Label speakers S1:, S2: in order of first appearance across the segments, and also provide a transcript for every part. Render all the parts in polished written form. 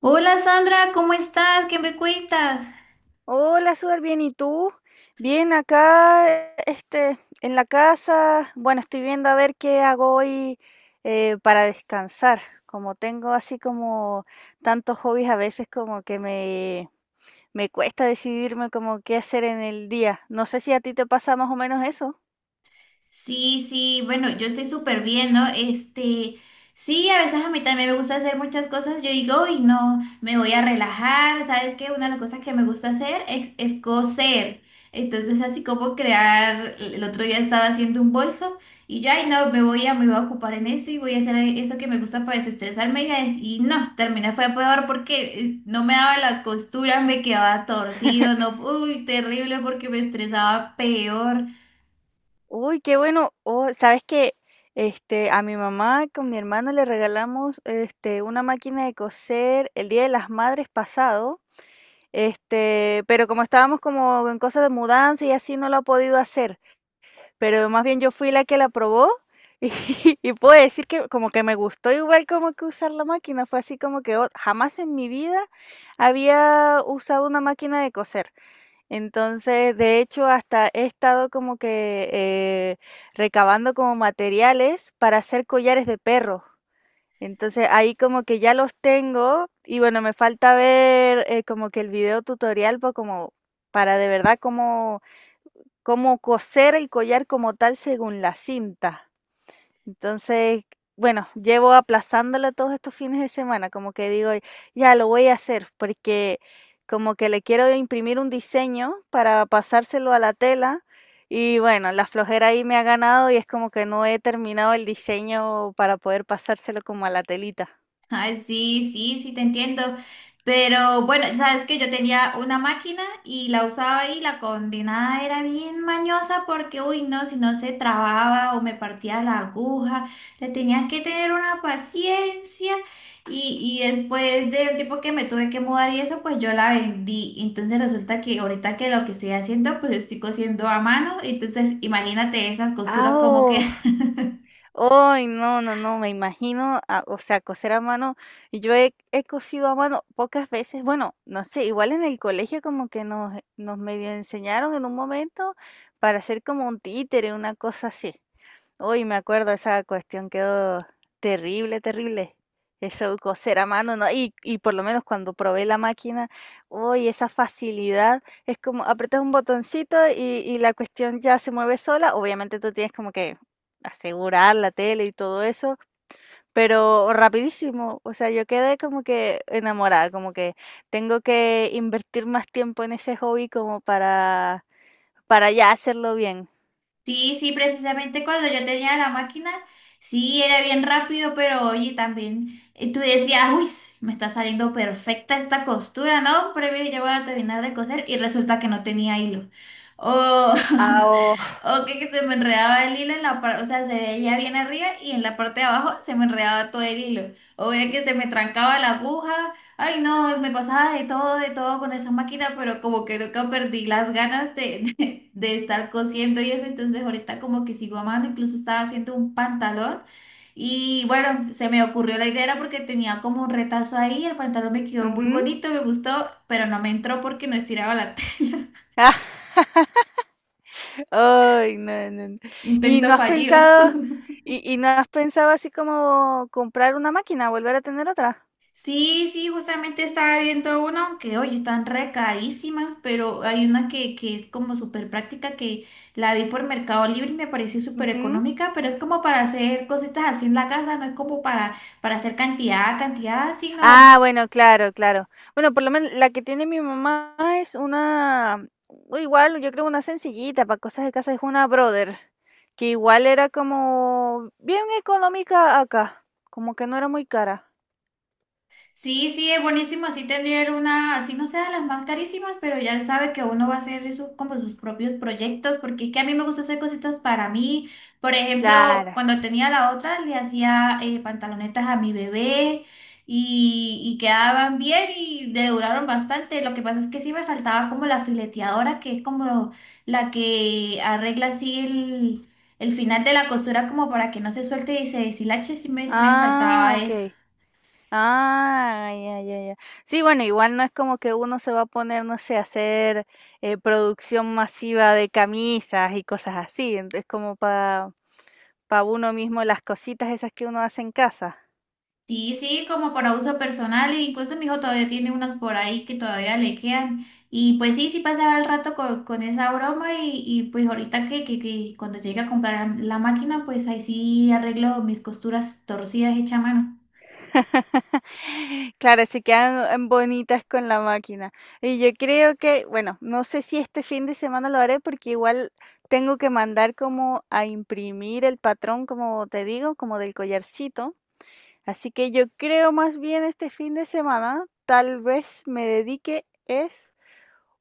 S1: Hola Sandra, ¿cómo estás? ¿Qué me cuentas?
S2: Hola, súper bien. ¿Y tú? Bien, acá, en la casa. Bueno, estoy viendo a ver qué hago hoy para descansar. Como tengo así como tantos hobbies, a veces como que me cuesta decidirme como qué hacer en el día. No sé si a ti te pasa más o menos eso.
S1: Sí, sí, bueno, yo estoy súper bien, ¿no? Este, sí, a veces a mí también me gusta hacer muchas cosas. Yo digo, uy, no, me voy a relajar. ¿Sabes qué? Una de las cosas que me gusta hacer es coser. Entonces, así como crear, el otro día estaba haciendo un bolso y yo, ay, no, me voy a ocupar en eso y voy a hacer eso que me gusta para desestresarme. Y no, terminé fue peor porque no me daba las costuras, me quedaba torcido, no, uy, terrible porque me estresaba peor.
S2: Uy, qué bueno. Oh, ¿sabes qué? A mi mamá con mi hermano le regalamos este, una máquina de coser el Día de las Madres pasado. Pero como estábamos como en cosas de mudanza y así, no lo ha podido hacer. Pero más bien yo fui la que la probó y, y puedo decir que como que me gustó igual como que usar la máquina. Fue así como que "Oh, jamás en mi vida había usado una máquina de coser." Entonces, de hecho, hasta he estado como que recabando como materiales para hacer collares de perros. Entonces ahí como que ya los tengo y bueno, me falta ver como que el video tutorial pues como para de verdad cómo coser el collar como tal según la cinta. Entonces, bueno, llevo aplazándolo todos estos fines de semana, como que digo, ya lo voy a hacer porque como que le quiero imprimir un diseño para pasárselo a la tela y bueno, la flojera ahí me ha ganado y es como que no he terminado el diseño para poder pasárselo como a la telita.
S1: Ay, sí, sí, sí, te entiendo. Pero bueno, sabes que yo tenía una máquina y la usaba y la condenada era bien mañosa porque, uy, no, si no se trababa o me partía la aguja, le tenía que tener una paciencia. Y después del tiempo que me tuve que mudar y eso, pues yo la vendí. Entonces resulta que ahorita que lo que estoy haciendo, pues estoy cosiendo a mano. Entonces imagínate esas
S2: Ah,
S1: costuras como
S2: oh.
S1: que.
S2: Ay, no, no, no, me imagino, ah, o sea, coser a mano. Y yo he cosido a mano pocas veces, bueno, no sé, igual en el colegio como que nos medio enseñaron en un momento para hacer como un títere, una cosa así. Uy, me acuerdo, esa cuestión quedó terrible, terrible. Eso coser a mano, ¿no? Y por lo menos cuando probé la máquina, uy, esa facilidad. Es como apretas un botoncito y la cuestión ya se mueve sola. Obviamente tú tienes como que asegurar la tele y todo eso, pero rapidísimo. O sea, yo quedé como que enamorada, como que tengo que invertir más tiempo en ese hobby como para ya hacerlo bien.
S1: Sí, sí, precisamente cuando yo tenía la máquina, sí, era bien rápido, pero oye, también tú decías, uy, me está saliendo perfecta esta costura, ¿no? Pero mire, yo voy a terminar de coser y resulta que no tenía hilo. Oh,
S2: Ah, oh,
S1: o que se me enredaba el hilo en la parte, o sea, se veía bien arriba y en la parte de abajo se me enredaba todo el hilo. O veía que se me trancaba la aguja. Ay, no, me pasaba de todo con esa máquina, pero como que nunca perdí las ganas de estar cosiendo y eso. Entonces ahorita como que sigo amando, incluso estaba haciendo un pantalón. Y bueno, se me ocurrió la idea era porque tenía como un retazo ahí, el pantalón me quedó muy
S2: ujú.
S1: bonito, me gustó, pero no me entró porque no estiraba la tela.
S2: Ah. Ay, no, no, no. ¿Y
S1: Intento
S2: no has
S1: fallido.
S2: pensado y no has pensado así como comprar una máquina, volver a tener otra?
S1: Sí, sí, justamente estaba viendo una, que oye están re carísimas, pero hay una que es como súper práctica, que la vi por Mercado Libre y me pareció súper
S2: Ujú.
S1: económica, pero es como para hacer cositas así en la casa, no es como para hacer cantidad, cantidad,
S2: Ah,
S1: sino.
S2: bueno, claro, claro. Bueno, por lo menos la que tiene mi mamá es una o igual, yo creo una sencillita para cosas de casa, es una Brother, que igual era como bien económica acá, como que no era muy cara.
S1: Sí, sí, es buenísimo así tener una, así no sean las más carísimas, pero ya sabe que uno va a hacer sus, como sus propios proyectos, porque es que a mí me gusta hacer cositas para mí. Por ejemplo,
S2: Claro.
S1: cuando tenía la otra, le hacía pantalonetas a mi bebé y quedaban bien y le duraron bastante. Lo que pasa es que sí me faltaba como la fileteadora, que es como la que arregla así el final de la costura como para que no se suelte y se deshilache, sí me
S2: Ah,
S1: faltaba eso.
S2: okey. Ah, ya, ya, ya. Sí, bueno, igual no es como que uno se va a poner, no sé, a hacer producción masiva de camisas y cosas así. Es como para uno mismo las cositas esas que uno hace en casa.
S1: Sí, sí, como para uso personal, e incluso mi hijo todavía tiene unas por ahí que todavía le quedan. Y pues sí, sí pasaba el rato con esa broma y pues ahorita que cuando llegue a comprar la máquina, pues ahí sí arreglo mis costuras torcidas hecha a mano.
S2: Claro, se quedan bonitas con la máquina. Y yo creo que, bueno, no sé si este fin de semana lo haré porque igual tengo que mandar como a imprimir el patrón, como te digo, como del collarcito. Así que yo creo más bien este fin de semana, tal vez me dedique es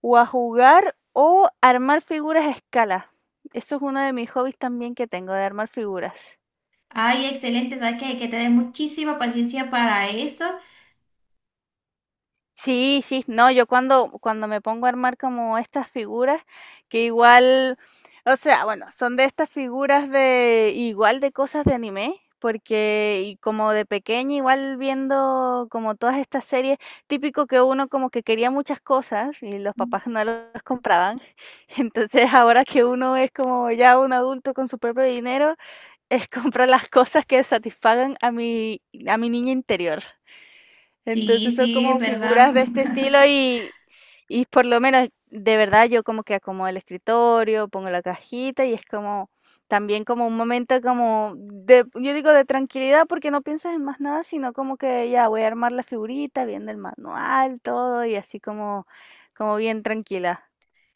S2: o a jugar o armar figuras a escala. Eso es uno de mis hobbies también que tengo, de armar figuras.
S1: Ay, excelente, sabes que hay que tener muchísima paciencia para eso.
S2: Sí, sí, no, yo cuando me pongo a armar como estas figuras, que igual, o sea, bueno, son de estas figuras de igual de cosas de anime, porque y como de pequeña igual viendo como todas estas series, típico que uno como que quería muchas cosas y los papás no las compraban. Entonces, ahora que uno es como ya un adulto con su propio dinero, es comprar las cosas que satisfagan a mi niña interior.
S1: Sí,
S2: Entonces son
S1: sí, es
S2: como
S1: verdad.
S2: figuras de este estilo y por lo menos de verdad yo como que acomodo el escritorio, pongo la cajita y es como también como un momento como yo digo de tranquilidad porque no piensas en más nada, sino como que ya voy a armar la figurita, viendo el manual, todo y así como, como bien tranquila.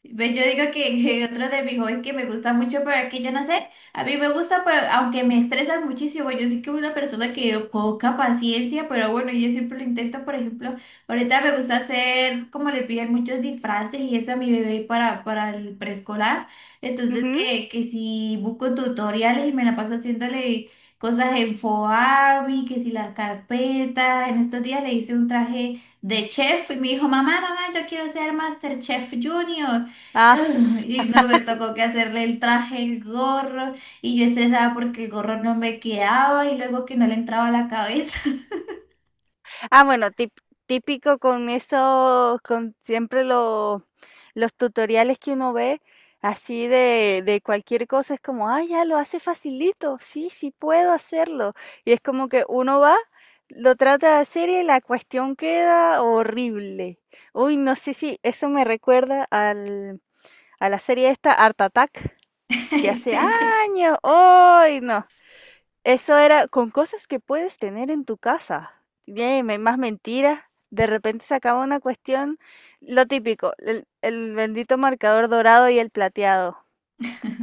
S1: Ve, yo digo que, que otro de mis hobbies que me gusta mucho, pero que yo no sé, a mí me gusta, pero aunque me estresa muchísimo, yo sí que soy una persona que poca paciencia, pero bueno, yo siempre lo intento, por ejemplo, ahorita me gusta hacer, como le piden muchos disfraces y eso a mi bebé para el preescolar, entonces
S2: Ujú.
S1: que si busco tutoriales y me la paso haciéndole cosas en Foabi, que si las carpetas, en estos días le hice un traje de chef y me dijo, mamá, mamá, yo quiero ser Master Chef Junior.
S2: Ah,
S1: Y no me tocó que hacerle el traje, el gorro, y yo estresada porque el gorro no me quedaba y luego que no le entraba a la cabeza.
S2: ah, bueno, típico con eso, con siempre lo... Los tutoriales que uno ve así de cualquier cosa es como, ah, ya lo hace facilito, sí, sí puedo hacerlo. Y es como que uno va, lo trata de hacer y la cuestión queda horrible. Uy, no sé si eso me recuerda a la serie esta, Art Attack, de
S1: Ay,
S2: hace
S1: sí.
S2: años. Uy, no. Eso era con cosas que puedes tener en tu casa. Tiene más mentiras. De repente se acaba una cuestión, lo típico, el bendito marcador dorado y el plateado.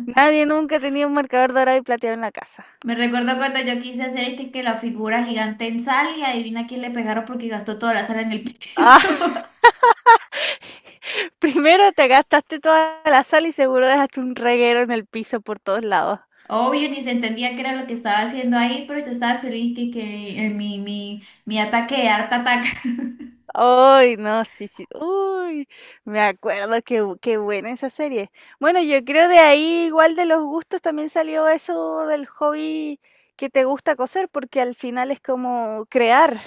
S2: Nadie nunca tenía un marcador dorado y plateado en la casa.
S1: Me recuerdo cuando yo quise hacer es que la figura gigante en sal y adivina quién le pegaron porque gastó toda la sal en el piso.
S2: Ah, primero te gastaste toda la sal y seguro dejaste un reguero en el piso por todos lados.
S1: Obvio, ni se entendía qué era lo que estaba haciendo ahí, pero yo estaba feliz que mi ataque de harta ataque.
S2: Ay, no, sí, sí. Uy, me acuerdo que qué buena esa serie. Bueno, yo creo de ahí, igual de los gustos, también salió eso del hobby que te gusta coser, porque al final es como crear.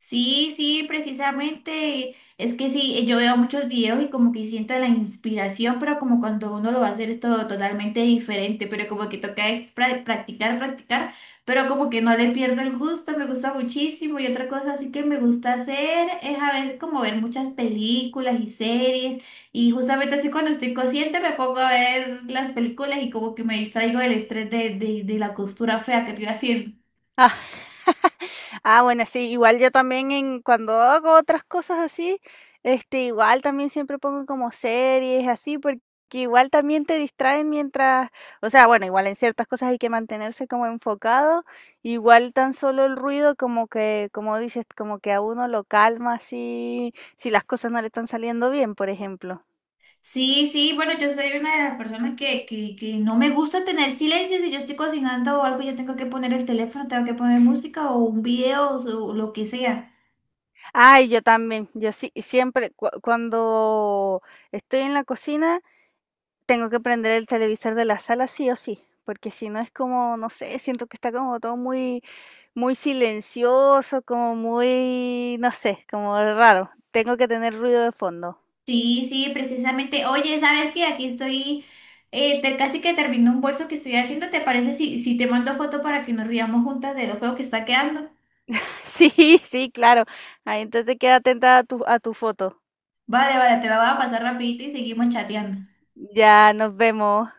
S1: Sí, sí, precisamente. Es que sí, yo veo muchos videos y como que siento la inspiración, pero como cuando uno lo va a hacer es todo totalmente diferente, pero como que toca es practicar, practicar, pero como que no le pierdo el gusto, me gusta muchísimo. Y otra cosa así que me gusta hacer es a veces como ver muchas películas y series. Y justamente así cuando estoy consciente me pongo a ver las películas y como que me distraigo del estrés de la costura fea que estoy haciendo.
S2: Ah, ah, bueno, sí, igual yo también en cuando hago otras cosas así, igual también siempre pongo como series así, porque igual también te distraen mientras, o sea, bueno, igual en ciertas cosas hay que mantenerse como enfocado, igual tan solo el ruido como que, como dices, como que a uno lo calma así, si las cosas no le están saliendo bien, por ejemplo.
S1: Sí, sí, bueno, yo soy una de las personas que no me gusta tener silencio. Si yo estoy cocinando o algo, yo tengo que poner el teléfono, tengo que poner música o un video o lo que sea.
S2: Ay, yo también, yo sí, siempre cuando estoy en la cocina, tengo que prender el televisor de la sala sí o sí, porque si no es como, no sé, siento que está como todo muy, muy silencioso, como muy, no sé, como raro. Tengo que tener ruido de fondo.
S1: Sí, sí, precisamente. Oye, ¿sabes qué? Aquí estoy, casi que termino un bolso que estoy haciendo. ¿Te parece si te mando foto para que nos riamos juntas de lo feo que está quedando?
S2: Sí, sí, claro. Ahí entonces queda atenta a a tu foto.
S1: Vale, vale, te la voy a pasar rapidito y seguimos chateando.
S2: Ya nos vemos.